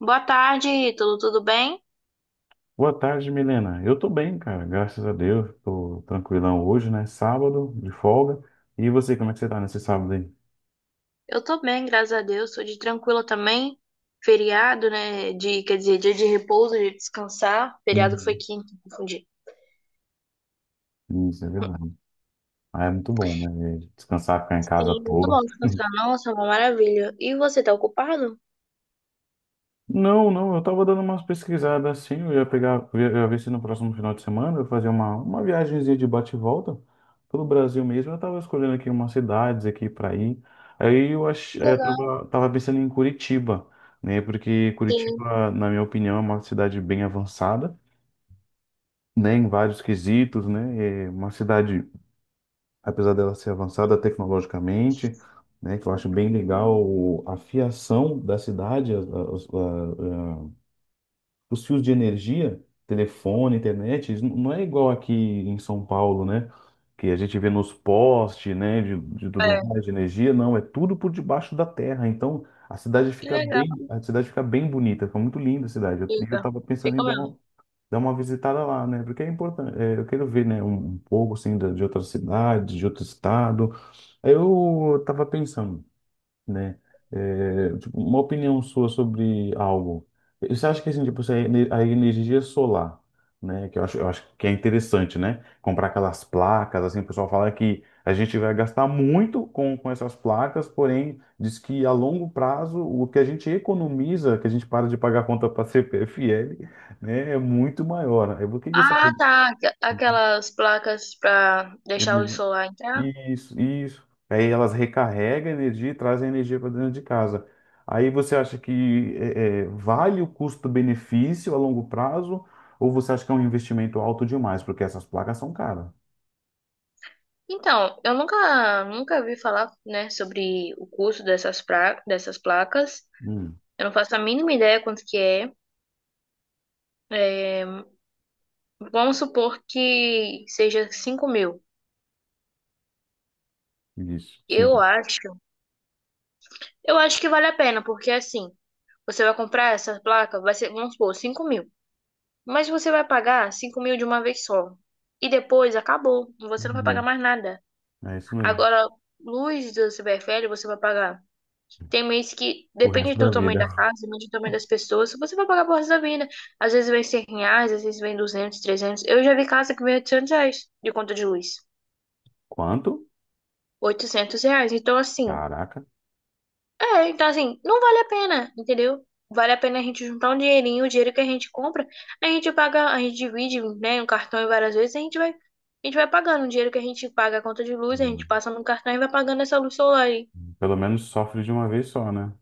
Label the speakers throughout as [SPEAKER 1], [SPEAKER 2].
[SPEAKER 1] Boa tarde, tudo bem?
[SPEAKER 2] Boa tarde, Milena. Eu tô bem, cara, graças a Deus. Tô tranquilão hoje, né? Sábado, de folga. E você, como é que você tá nesse sábado aí?
[SPEAKER 1] Eu tô bem, graças a Deus. Tô de tranquila também. Feriado, né? De, quer dizer, dia de repouso, de descansar. Feriado foi
[SPEAKER 2] Hum.
[SPEAKER 1] quinta, confundi.
[SPEAKER 2] Isso, é verdade. Ah, é muito bom, né? Descansar, ficar em casa à
[SPEAKER 1] Sim, muito bom
[SPEAKER 2] toa.
[SPEAKER 1] descansar. Nossa, uma maravilha. E você tá ocupado?
[SPEAKER 2] Não, não, eu tava dando umas pesquisadas assim, eu ia pegar, eu ia ver se no próximo final de semana eu fazia uma viagemzinha de bate e volta pelo Brasil mesmo. Eu tava escolhendo aqui umas cidades aqui para ir. Aí eu
[SPEAKER 1] Que
[SPEAKER 2] ach, aí eu
[SPEAKER 1] legal.
[SPEAKER 2] tava pensando em Curitiba, né? Porque
[SPEAKER 1] Sim,
[SPEAKER 2] Curitiba, na minha opinião, é uma cidade bem avançada, né? Em vários quesitos, né? É uma cidade, apesar dela ser avançada tecnologicamente, né? Que eu acho bem legal a fiação da cidade, os fios de energia, telefone, internet, isso não é igual aqui em São Paulo, né? Que a gente vê nos postes, né, de tudo
[SPEAKER 1] é.
[SPEAKER 2] mais, de energia, não, é tudo por debaixo da terra. Então,
[SPEAKER 1] Que legal.
[SPEAKER 2] a cidade fica bem bonita, fica muito linda a cidade. Eu
[SPEAKER 1] Fica.
[SPEAKER 2] tava pensando em
[SPEAKER 1] Fica
[SPEAKER 2] dar
[SPEAKER 1] mesmo.
[SPEAKER 2] uma, dar uma visitada lá, né? Porque é importante, é, eu quero ver, né, um pouco assim de outra cidade, de outro estado. Aí eu tava pensando, né? É, tipo, uma opinião sua sobre algo. Você acha que assim, tipo, se a energia solar, né? Que eu acho que é interessante, né? Comprar aquelas placas, assim, o pessoal fala que a gente vai gastar muito com essas placas, porém, diz que a longo prazo o que a gente economiza, que a gente para de pagar a conta para CPFL, né, é muito maior. Aí, o que que você acha?
[SPEAKER 1] Ah, tá. Aquelas placas pra deixar o solar entrar.
[SPEAKER 2] Isso, isso. Aí elas recarregam a energia e trazem a energia para dentro de casa. Aí você acha que vale o custo-benefício a longo prazo ou você acha que é um investimento alto demais? Porque essas placas são caras.
[SPEAKER 1] Então, eu nunca vi falar, né, sobre o custo dessas, pra, dessas placas.
[SPEAKER 2] Hum,
[SPEAKER 1] Eu não faço a mínima ideia quanto que é. É, vamos supor que seja 5 mil.
[SPEAKER 2] isso, sim.
[SPEAKER 1] Eu acho, eu acho que vale a pena, porque assim, você vai comprar essa placa, vai ser, vamos supor, 5 mil. Mas você vai pagar 5 mil de uma vez só. E depois acabou. Você não vai pagar
[SPEAKER 2] Uhum.
[SPEAKER 1] mais nada.
[SPEAKER 2] É isso mesmo.
[SPEAKER 1] Agora, luz do CPFL, você vai pagar. Tem mês que
[SPEAKER 2] O
[SPEAKER 1] depende
[SPEAKER 2] resto da
[SPEAKER 1] do tamanho
[SPEAKER 2] vida.
[SPEAKER 1] da casa, depende do tamanho das pessoas, você vai pagar por resto da vida. Às vezes vem 100 reais, às vezes vem 200, 300. Eu já vi casa que vem 800 reais de conta de luz.
[SPEAKER 2] Quanto?
[SPEAKER 1] 800 reais. Então, assim,
[SPEAKER 2] Caraca.
[SPEAKER 1] é, então assim, não vale a pena, entendeu? Vale a pena a gente juntar um dinheirinho, o dinheiro que a gente compra, a gente paga, a gente divide, né, no cartão e várias vezes, a gente vai pagando o dinheiro que a gente paga a conta de luz, a gente
[SPEAKER 2] Hum,
[SPEAKER 1] passa no cartão e vai pagando essa luz solar aí.
[SPEAKER 2] Pelo menos sofre de uma vez só, né?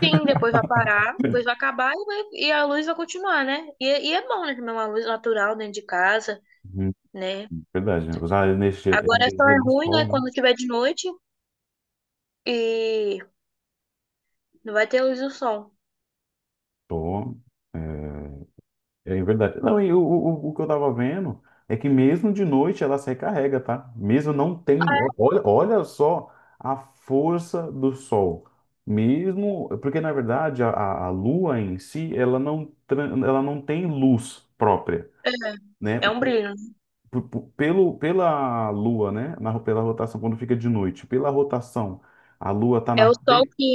[SPEAKER 1] Sim, depois vai parar, depois vai acabar e, e a luz vai continuar, né? E é bom, né, também uma luz natural dentro de casa,
[SPEAKER 2] Uhum.
[SPEAKER 1] né?
[SPEAKER 2] Verdade. Usar a
[SPEAKER 1] Agora só
[SPEAKER 2] energia
[SPEAKER 1] é
[SPEAKER 2] do
[SPEAKER 1] ruim, né,
[SPEAKER 2] sol, né?
[SPEAKER 1] quando tiver de noite e não vai ter luz do sol.
[SPEAKER 2] Tô. é, É verdade. Não, e o que eu tava vendo é que mesmo de noite ela se recarrega, tá? Mesmo não tendo. Olha, olha só a força do sol. Mesmo. Porque, na verdade, a lua em si, ela não tem luz própria,
[SPEAKER 1] É,
[SPEAKER 2] né?
[SPEAKER 1] é um
[SPEAKER 2] P-
[SPEAKER 1] brilho.
[SPEAKER 2] p- Pelo, pela lua, né? Pela rotação, quando fica de noite, pela rotação, a lua tá
[SPEAKER 1] É o
[SPEAKER 2] na
[SPEAKER 1] sol
[SPEAKER 2] frente,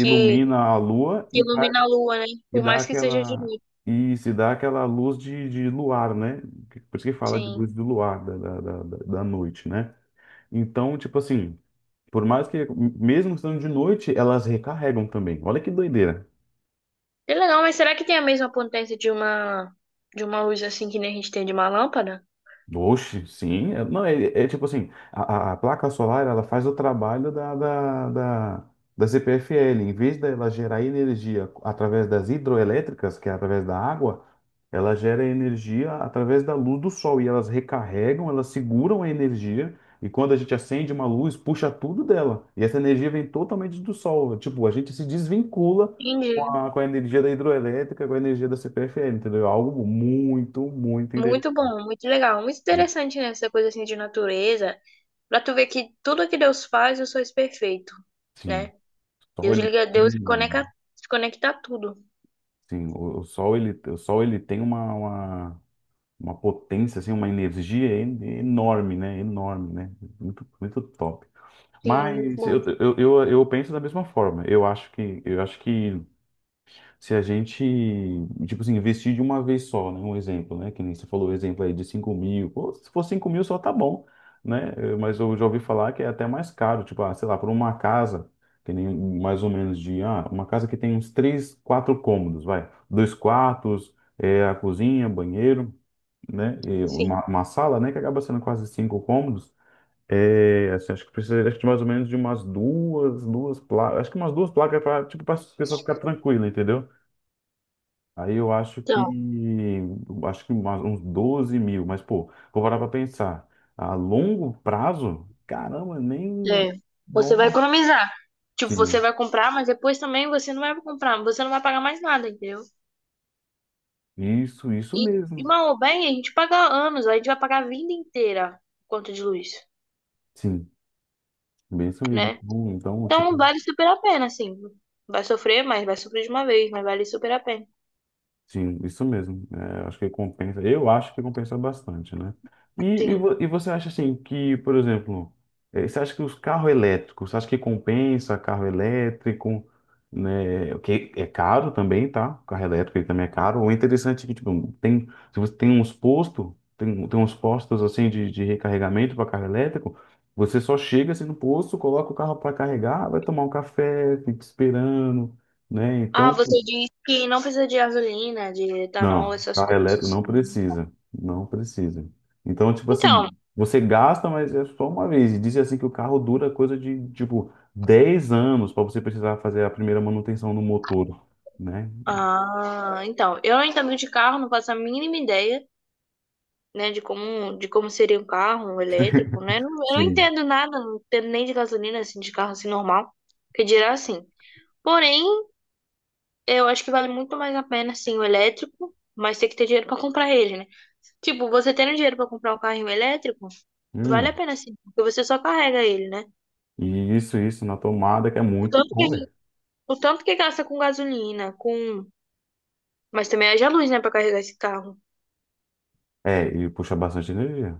[SPEAKER 2] a lua
[SPEAKER 1] que
[SPEAKER 2] e
[SPEAKER 1] ilumina a lua, né? Por
[SPEAKER 2] dá
[SPEAKER 1] mais que seja de
[SPEAKER 2] aquela.
[SPEAKER 1] noite,
[SPEAKER 2] Isso, e dá aquela luz de luar, né? Por isso que fala de
[SPEAKER 1] sim.
[SPEAKER 2] luz do luar, da noite, né? Então, tipo assim, por mais que, mesmo estando de noite, elas recarregam também. Olha que doideira.
[SPEAKER 1] É legal, mas será que tem a mesma potência de uma luz assim que nem a gente tem de uma lâmpada?
[SPEAKER 2] Oxe, sim. Não, é tipo assim, a placa solar, ela faz o trabalho da CPFL. Em vez dela gerar energia através das hidroelétricas, que é através da água, ela gera energia através da luz do sol. E elas recarregam, elas seguram a energia. E quando a gente acende uma luz, puxa tudo dela. E essa energia vem totalmente do sol. Tipo, a gente se desvincula com
[SPEAKER 1] Entendi.
[SPEAKER 2] a, com a energia da hidroelétrica, com a energia da CPFL, entendeu? É algo muito, muito interessante.
[SPEAKER 1] Muito bom, muito legal, muito interessante, né? Essa coisa assim de natureza, pra tu ver que tudo que Deus faz, eu sou perfeito,
[SPEAKER 2] Sim.
[SPEAKER 1] né?
[SPEAKER 2] sol,
[SPEAKER 1] Deus
[SPEAKER 2] ele,
[SPEAKER 1] liga, Deus conecta,
[SPEAKER 2] tem-
[SPEAKER 1] conecta tudo.
[SPEAKER 2] sim, o sol ele tem uma potência assim, uma energia enorme, né? Enorme, né? Muito, muito top.
[SPEAKER 1] Sim, muito
[SPEAKER 2] Mas
[SPEAKER 1] bom.
[SPEAKER 2] eu penso da mesma forma. Eu acho que se a gente, tipo assim, investir de uma vez só, né? Um exemplo, né? Que nem você falou o exemplo aí de 5.000. Pô, se for 5.000 só tá bom, né? Mas eu já ouvi falar que é até mais caro. Tipo, ah, sei lá, por uma casa, que nem mais ou menos de... Ah, uma casa que tem uns 3, 4 cômodos, vai. Dois quartos, a cozinha, banheiro, né? E uma,
[SPEAKER 1] Sim.
[SPEAKER 2] uma sala, né? Que acaba sendo quase cinco cômodos. É, assim, acho que precisaria de mais ou menos de umas duas placas, acho que umas duas placas para tipo, para a pessoa ficar tranquila, entendeu? Aí eu acho que
[SPEAKER 1] Então,
[SPEAKER 2] acho que uns 12.000, mas pô, vou parar pra pensar. A longo prazo, caramba, nem
[SPEAKER 1] é,
[SPEAKER 2] dó.
[SPEAKER 1] você vai economizar. Tipo, você
[SPEAKER 2] Sim,
[SPEAKER 1] vai comprar, mas depois também você não vai comprar, você não vai pagar mais nada, entendeu?
[SPEAKER 2] isso
[SPEAKER 1] E,
[SPEAKER 2] mesmo.
[SPEAKER 1] mal ou bem, a gente paga anos, a gente vai pagar a vida inteira conta de luz,
[SPEAKER 2] Sim, bem isso mesmo.
[SPEAKER 1] né?
[SPEAKER 2] Então,
[SPEAKER 1] Então
[SPEAKER 2] tipo,
[SPEAKER 1] vale super a pena, assim. Vai sofrer, mas vai sofrer de uma vez, mas vale super a pena.
[SPEAKER 2] sim, isso mesmo. É, acho que compensa. Eu acho que compensa bastante, né? E, e,
[SPEAKER 1] Sim.
[SPEAKER 2] vo- e você acha assim que, por exemplo, você acha que os carros elétricos, você acha que compensa carro elétrico, né? O que é caro também, tá? Carro elétrico ele também é caro. O interessante é que, tipo, tem, se você tem uns postos, tem uns postos assim de recarregamento para carro elétrico, você só chega assim no posto, coloca o carro para carregar, vai tomar um café, fica esperando, né? Então.
[SPEAKER 1] Ah, você disse que não precisa de gasolina, de etanol,
[SPEAKER 2] Não,
[SPEAKER 1] essas
[SPEAKER 2] carro elétrico
[SPEAKER 1] coisas.
[SPEAKER 2] não precisa, não precisa. Então, tipo
[SPEAKER 1] Então,
[SPEAKER 2] assim, você gasta, mas é só uma vez. E dizem assim que o carro dura coisa de, tipo, 10 anos para você precisar fazer a primeira manutenção no motor, né?
[SPEAKER 1] ah, então, eu não entendo de carro, não faço a mínima ideia, né, de como seria um carro, um elétrico, né? Eu não
[SPEAKER 2] Sim.
[SPEAKER 1] entendo nada, não entendo nem de gasolina, assim, de carro assim normal, que dirá assim. Porém, eu acho que vale muito mais a pena, assim, o elétrico, mas tem que ter dinheiro pra comprar ele, né? Tipo, você tendo dinheiro pra comprar um carrinho elétrico, vale a
[SPEAKER 2] Hum,
[SPEAKER 1] pena sim, porque você só carrega ele, né?
[SPEAKER 2] e isso, isso na tomada que é
[SPEAKER 1] O
[SPEAKER 2] muito
[SPEAKER 1] tanto que,
[SPEAKER 2] bom, velho.
[SPEAKER 1] o tanto que gasta com gasolina, com. Mas também haja luz, né, pra carregar esse carro.
[SPEAKER 2] É, e puxa bastante energia.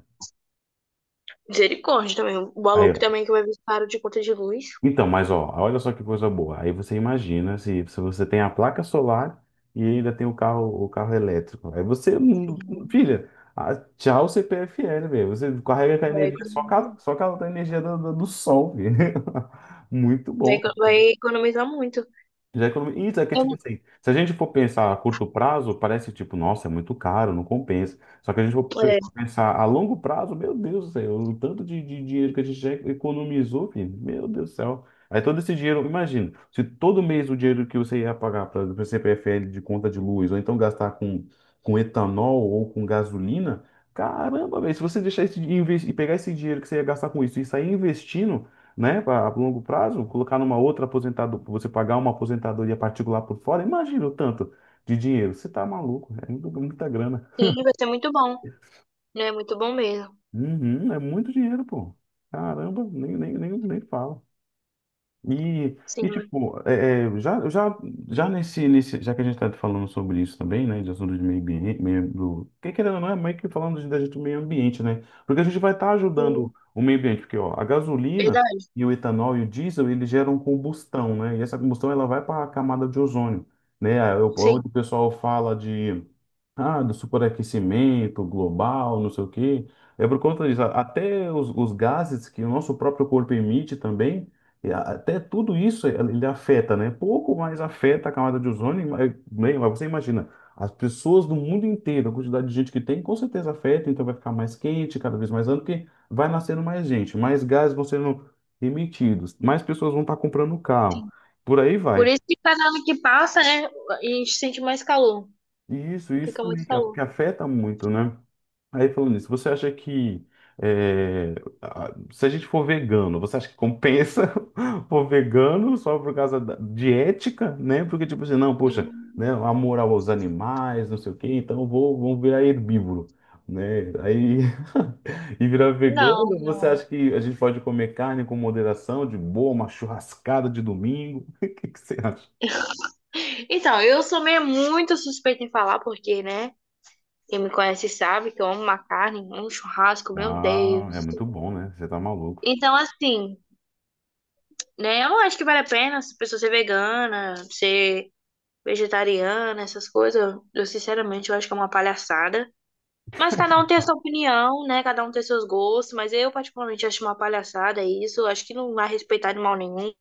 [SPEAKER 1] Misericórdia também. O
[SPEAKER 2] Aí,
[SPEAKER 1] valor que
[SPEAKER 2] ó,
[SPEAKER 1] também que vai vir caro de conta de luz.
[SPEAKER 2] então, mas ó, olha só que coisa boa. Aí você imagina se você tem a placa solar e ainda tem o carro elétrico. Aí você,
[SPEAKER 1] Sim,
[SPEAKER 2] filha, ah, tchau CPFL, velho. Você carrega com a
[SPEAKER 1] Vai
[SPEAKER 2] energia, só com a,
[SPEAKER 1] economizar
[SPEAKER 2] só com a energia do sol, velho. Muito bom,
[SPEAKER 1] vai economizar muito.
[SPEAKER 2] isso é que, tipo assim, se a gente for pensar a curto prazo, parece tipo, nossa, é muito caro, não compensa. Só que a gente for
[SPEAKER 1] É,
[SPEAKER 2] pe-
[SPEAKER 1] é,
[SPEAKER 2] pensar a longo prazo, meu Deus do céu, o tanto de dinheiro que a gente já economizou, filho, meu Deus do céu. Aí todo esse dinheiro, imagina, se todo mês o dinheiro que você ia pagar para o CPFL de conta de luz, ou então gastar com, etanol ou com gasolina, caramba, velho, se você deixar esse e pegar esse dinheiro que você ia gastar com isso e sair investindo, né, a longo prazo, colocar numa outra aposentadoria, você pagar uma aposentadoria particular por fora, imagina o tanto de dinheiro. Você tá maluco, é muita grana.
[SPEAKER 1] sim, vai ser muito bom, né? Muito bom mesmo.
[SPEAKER 2] Uhum, é muito dinheiro, pô. Caramba, nem fala. E
[SPEAKER 1] Sim,
[SPEAKER 2] tipo, já que a gente está falando sobre isso também, né, de assunto de meio ambiente, meio, do, que querendo ou não, é meio que falando de meio ambiente, né, porque a gente vai estar
[SPEAKER 1] sim.
[SPEAKER 2] ajudando o meio ambiente, porque, ó, a gasolina
[SPEAKER 1] Verdade.
[SPEAKER 2] e o etanol e o diesel, eles geram combustão, né, e essa combustão, ela vai para a camada de ozônio, né,
[SPEAKER 1] Sim.
[SPEAKER 2] onde o pessoal fala do superaquecimento global, não sei o quê. É por conta disso. Até os gases que o nosso próprio corpo emite também, e até tudo isso ele afeta, né? Pouco mais afeta a camada de ozônio, mas bem, mas você imagina, as pessoas do mundo inteiro, a quantidade de gente que tem, com certeza afeta, então vai ficar mais quente, cada vez mais ano, porque vai nascendo mais gente, mais gases vão sendo emitidos, mais pessoas vão estar comprando carro, por aí
[SPEAKER 1] Por
[SPEAKER 2] vai.
[SPEAKER 1] isso que cada ano que passa, né, a gente sente mais calor.
[SPEAKER 2] E isso
[SPEAKER 1] Fica
[SPEAKER 2] também
[SPEAKER 1] muito
[SPEAKER 2] que
[SPEAKER 1] calor.
[SPEAKER 2] afeta muito, né? Aí falando nisso, você acha que é, se a gente for vegano, você acha que compensa for vegano só por causa de ética, né? Porque tipo assim, não, poxa,
[SPEAKER 1] Hum,
[SPEAKER 2] né, amor aos animais, não sei o quê, então eu vou virar herbívoro, né? Aí e virar
[SPEAKER 1] Não,
[SPEAKER 2] vegano, você
[SPEAKER 1] não.
[SPEAKER 2] acha que a gente pode comer carne com moderação, de boa, uma churrascada de domingo? O que que você acha?
[SPEAKER 1] Então, eu sou meio muito suspeita em falar, porque, né? Quem me conhece sabe que eu amo uma carne, amo um churrasco, meu
[SPEAKER 2] Ah, é
[SPEAKER 1] Deus.
[SPEAKER 2] muito bom, né? Você tá maluco.
[SPEAKER 1] Então, assim, né? Eu não acho que vale a pena se pessoa ser vegana, ser vegetariana, essas coisas. Eu, sinceramente, eu acho que é uma palhaçada. Mas cada um tem a sua opinião, né? Cada um tem seus gostos. Mas eu, particularmente, acho uma palhaçada isso. Eu acho que não vai respeitar animal nenhum.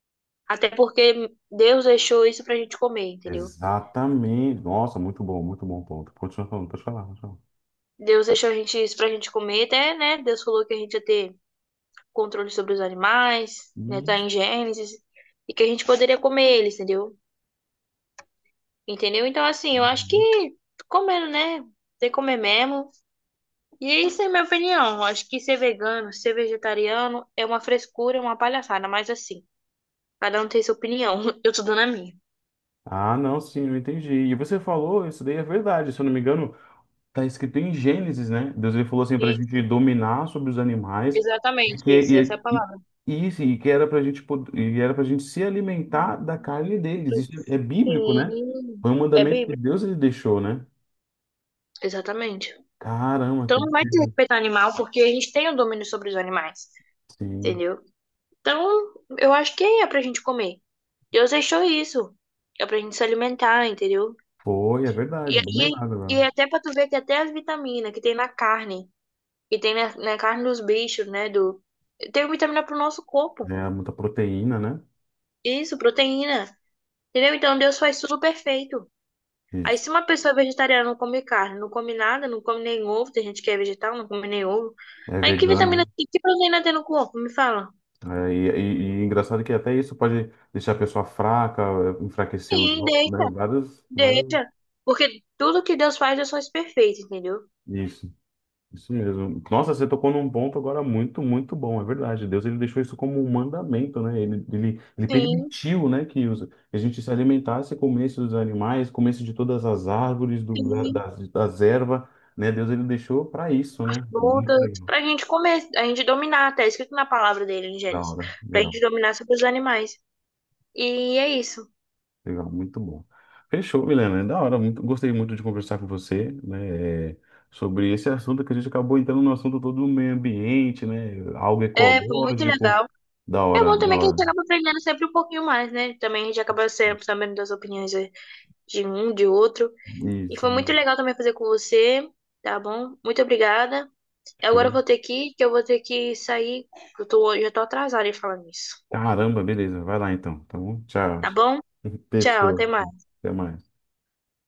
[SPEAKER 1] Até porque Deus deixou isso pra gente comer, entendeu?
[SPEAKER 2] Exatamente. Nossa, muito bom ponto. Continua falando, pode falar, pode falar.
[SPEAKER 1] Deus deixou a gente isso pra gente comer, até, né? Deus falou que a gente ia ter controle sobre os animais, né?
[SPEAKER 2] Uhum.
[SPEAKER 1] Tá em Gênesis, e que a gente poderia comer eles, entendeu? Entendeu? Então, assim, eu acho
[SPEAKER 2] Uhum.
[SPEAKER 1] que comendo, né? Tem que comer mesmo. E é isso é minha opinião. Eu acho que ser vegano, ser vegetariano é uma frescura, é uma palhaçada, mas assim, cada um tem sua opinião. Eu tô dando a minha.
[SPEAKER 2] Ah, não, sim, eu entendi. E você falou, isso daí é verdade. Se eu não me engano, tá escrito em Gênesis, né? Deus ele falou assim pra
[SPEAKER 1] E,
[SPEAKER 2] gente dominar sobre os animais e
[SPEAKER 1] exatamente
[SPEAKER 2] que
[SPEAKER 1] isso, essa é a
[SPEAKER 2] e, e,
[SPEAKER 1] palavra.
[SPEAKER 2] e, isso, e era pra gente se alimentar da carne deles. Isso é bíblico, né?
[SPEAKER 1] Sim,
[SPEAKER 2] Foi um
[SPEAKER 1] é
[SPEAKER 2] mandamento que
[SPEAKER 1] bíblico.
[SPEAKER 2] Deus ele deixou, né?
[SPEAKER 1] Exatamente.
[SPEAKER 2] Caramba, que
[SPEAKER 1] Então não vai ter
[SPEAKER 2] doideira.
[SPEAKER 1] respeito ao animal, porque a gente tem o domínio sobre os animais,
[SPEAKER 2] Sim.
[SPEAKER 1] entendeu? Então, eu acho que é pra gente comer. Deus deixou isso. É pra gente se alimentar, entendeu?
[SPEAKER 2] Foi, é
[SPEAKER 1] E,
[SPEAKER 2] verdade, bem
[SPEAKER 1] e,
[SPEAKER 2] lembrado
[SPEAKER 1] e
[SPEAKER 2] agora.
[SPEAKER 1] é até pra tu ver que até as vitaminas que tem na carne, que tem na, na carne dos bichos, né? Do, tem vitamina pro nosso corpo.
[SPEAKER 2] É muita proteína, né?
[SPEAKER 1] Isso, proteína. Entendeu? Então Deus faz tudo perfeito. Aí, se uma pessoa é vegetariana não come carne, não come nada, não come nem ovo, tem gente que é vegetal, não come nem ovo.
[SPEAKER 2] É
[SPEAKER 1] Aí, que
[SPEAKER 2] vegano.
[SPEAKER 1] vitamina, C, que proteína tem no corpo? Me fala.
[SPEAKER 2] Né? É engraçado que até isso pode deixar a pessoa fraca, enfraquecer os,
[SPEAKER 1] Sim, deixa,
[SPEAKER 2] né? Vários, vários.
[SPEAKER 1] deixa. Porque tudo que Deus faz perfeito, entendeu?
[SPEAKER 2] Isso, isso mesmo. Nossa, você tocou num ponto agora muito, muito bom, é verdade. Deus ele deixou isso como um mandamento, né? Ele
[SPEAKER 1] Sim,
[SPEAKER 2] permitiu, né, a gente se alimentasse, comesse dos animais, comesse de todas as árvores, do, da-
[SPEAKER 1] sim.
[SPEAKER 2] das, das ervas, né? Deus ele deixou para isso, né? Muito
[SPEAKER 1] Voltas.
[SPEAKER 2] legal.
[SPEAKER 1] Pra gente comer, a gente dominar, até escrito na palavra dele em
[SPEAKER 2] Da
[SPEAKER 1] Gênesis.
[SPEAKER 2] hora,
[SPEAKER 1] Pra
[SPEAKER 2] legal.
[SPEAKER 1] gente dominar sobre os animais. E é isso.
[SPEAKER 2] Legal, muito bom. Fechou, Milena. É da hora. Gostei muito de conversar com você, né, sobre esse assunto que a gente acabou entrando no assunto todo do meio ambiente, né? Algo
[SPEAKER 1] É, foi muito
[SPEAKER 2] ecológico.
[SPEAKER 1] legal.
[SPEAKER 2] Da
[SPEAKER 1] É
[SPEAKER 2] hora,
[SPEAKER 1] bom
[SPEAKER 2] da
[SPEAKER 1] também que a gente
[SPEAKER 2] hora.
[SPEAKER 1] acaba aprendendo sempre um pouquinho mais, né? Também a gente acaba sempre sabendo das opiniões de um, de outro. E
[SPEAKER 2] Isso,
[SPEAKER 1] foi muito legal também fazer com você, tá bom? Muito obrigada. Agora eu
[SPEAKER 2] show.
[SPEAKER 1] vou ter que ir, que eu vou ter que sair, que eu tô, já tô atrasada em falar nisso.
[SPEAKER 2] Caramba, beleza. Vai lá então, tá bom? Tchau.
[SPEAKER 1] Tá bom? Tchau,
[SPEAKER 2] Fechou.
[SPEAKER 1] até mais.
[SPEAKER 2] Até mais.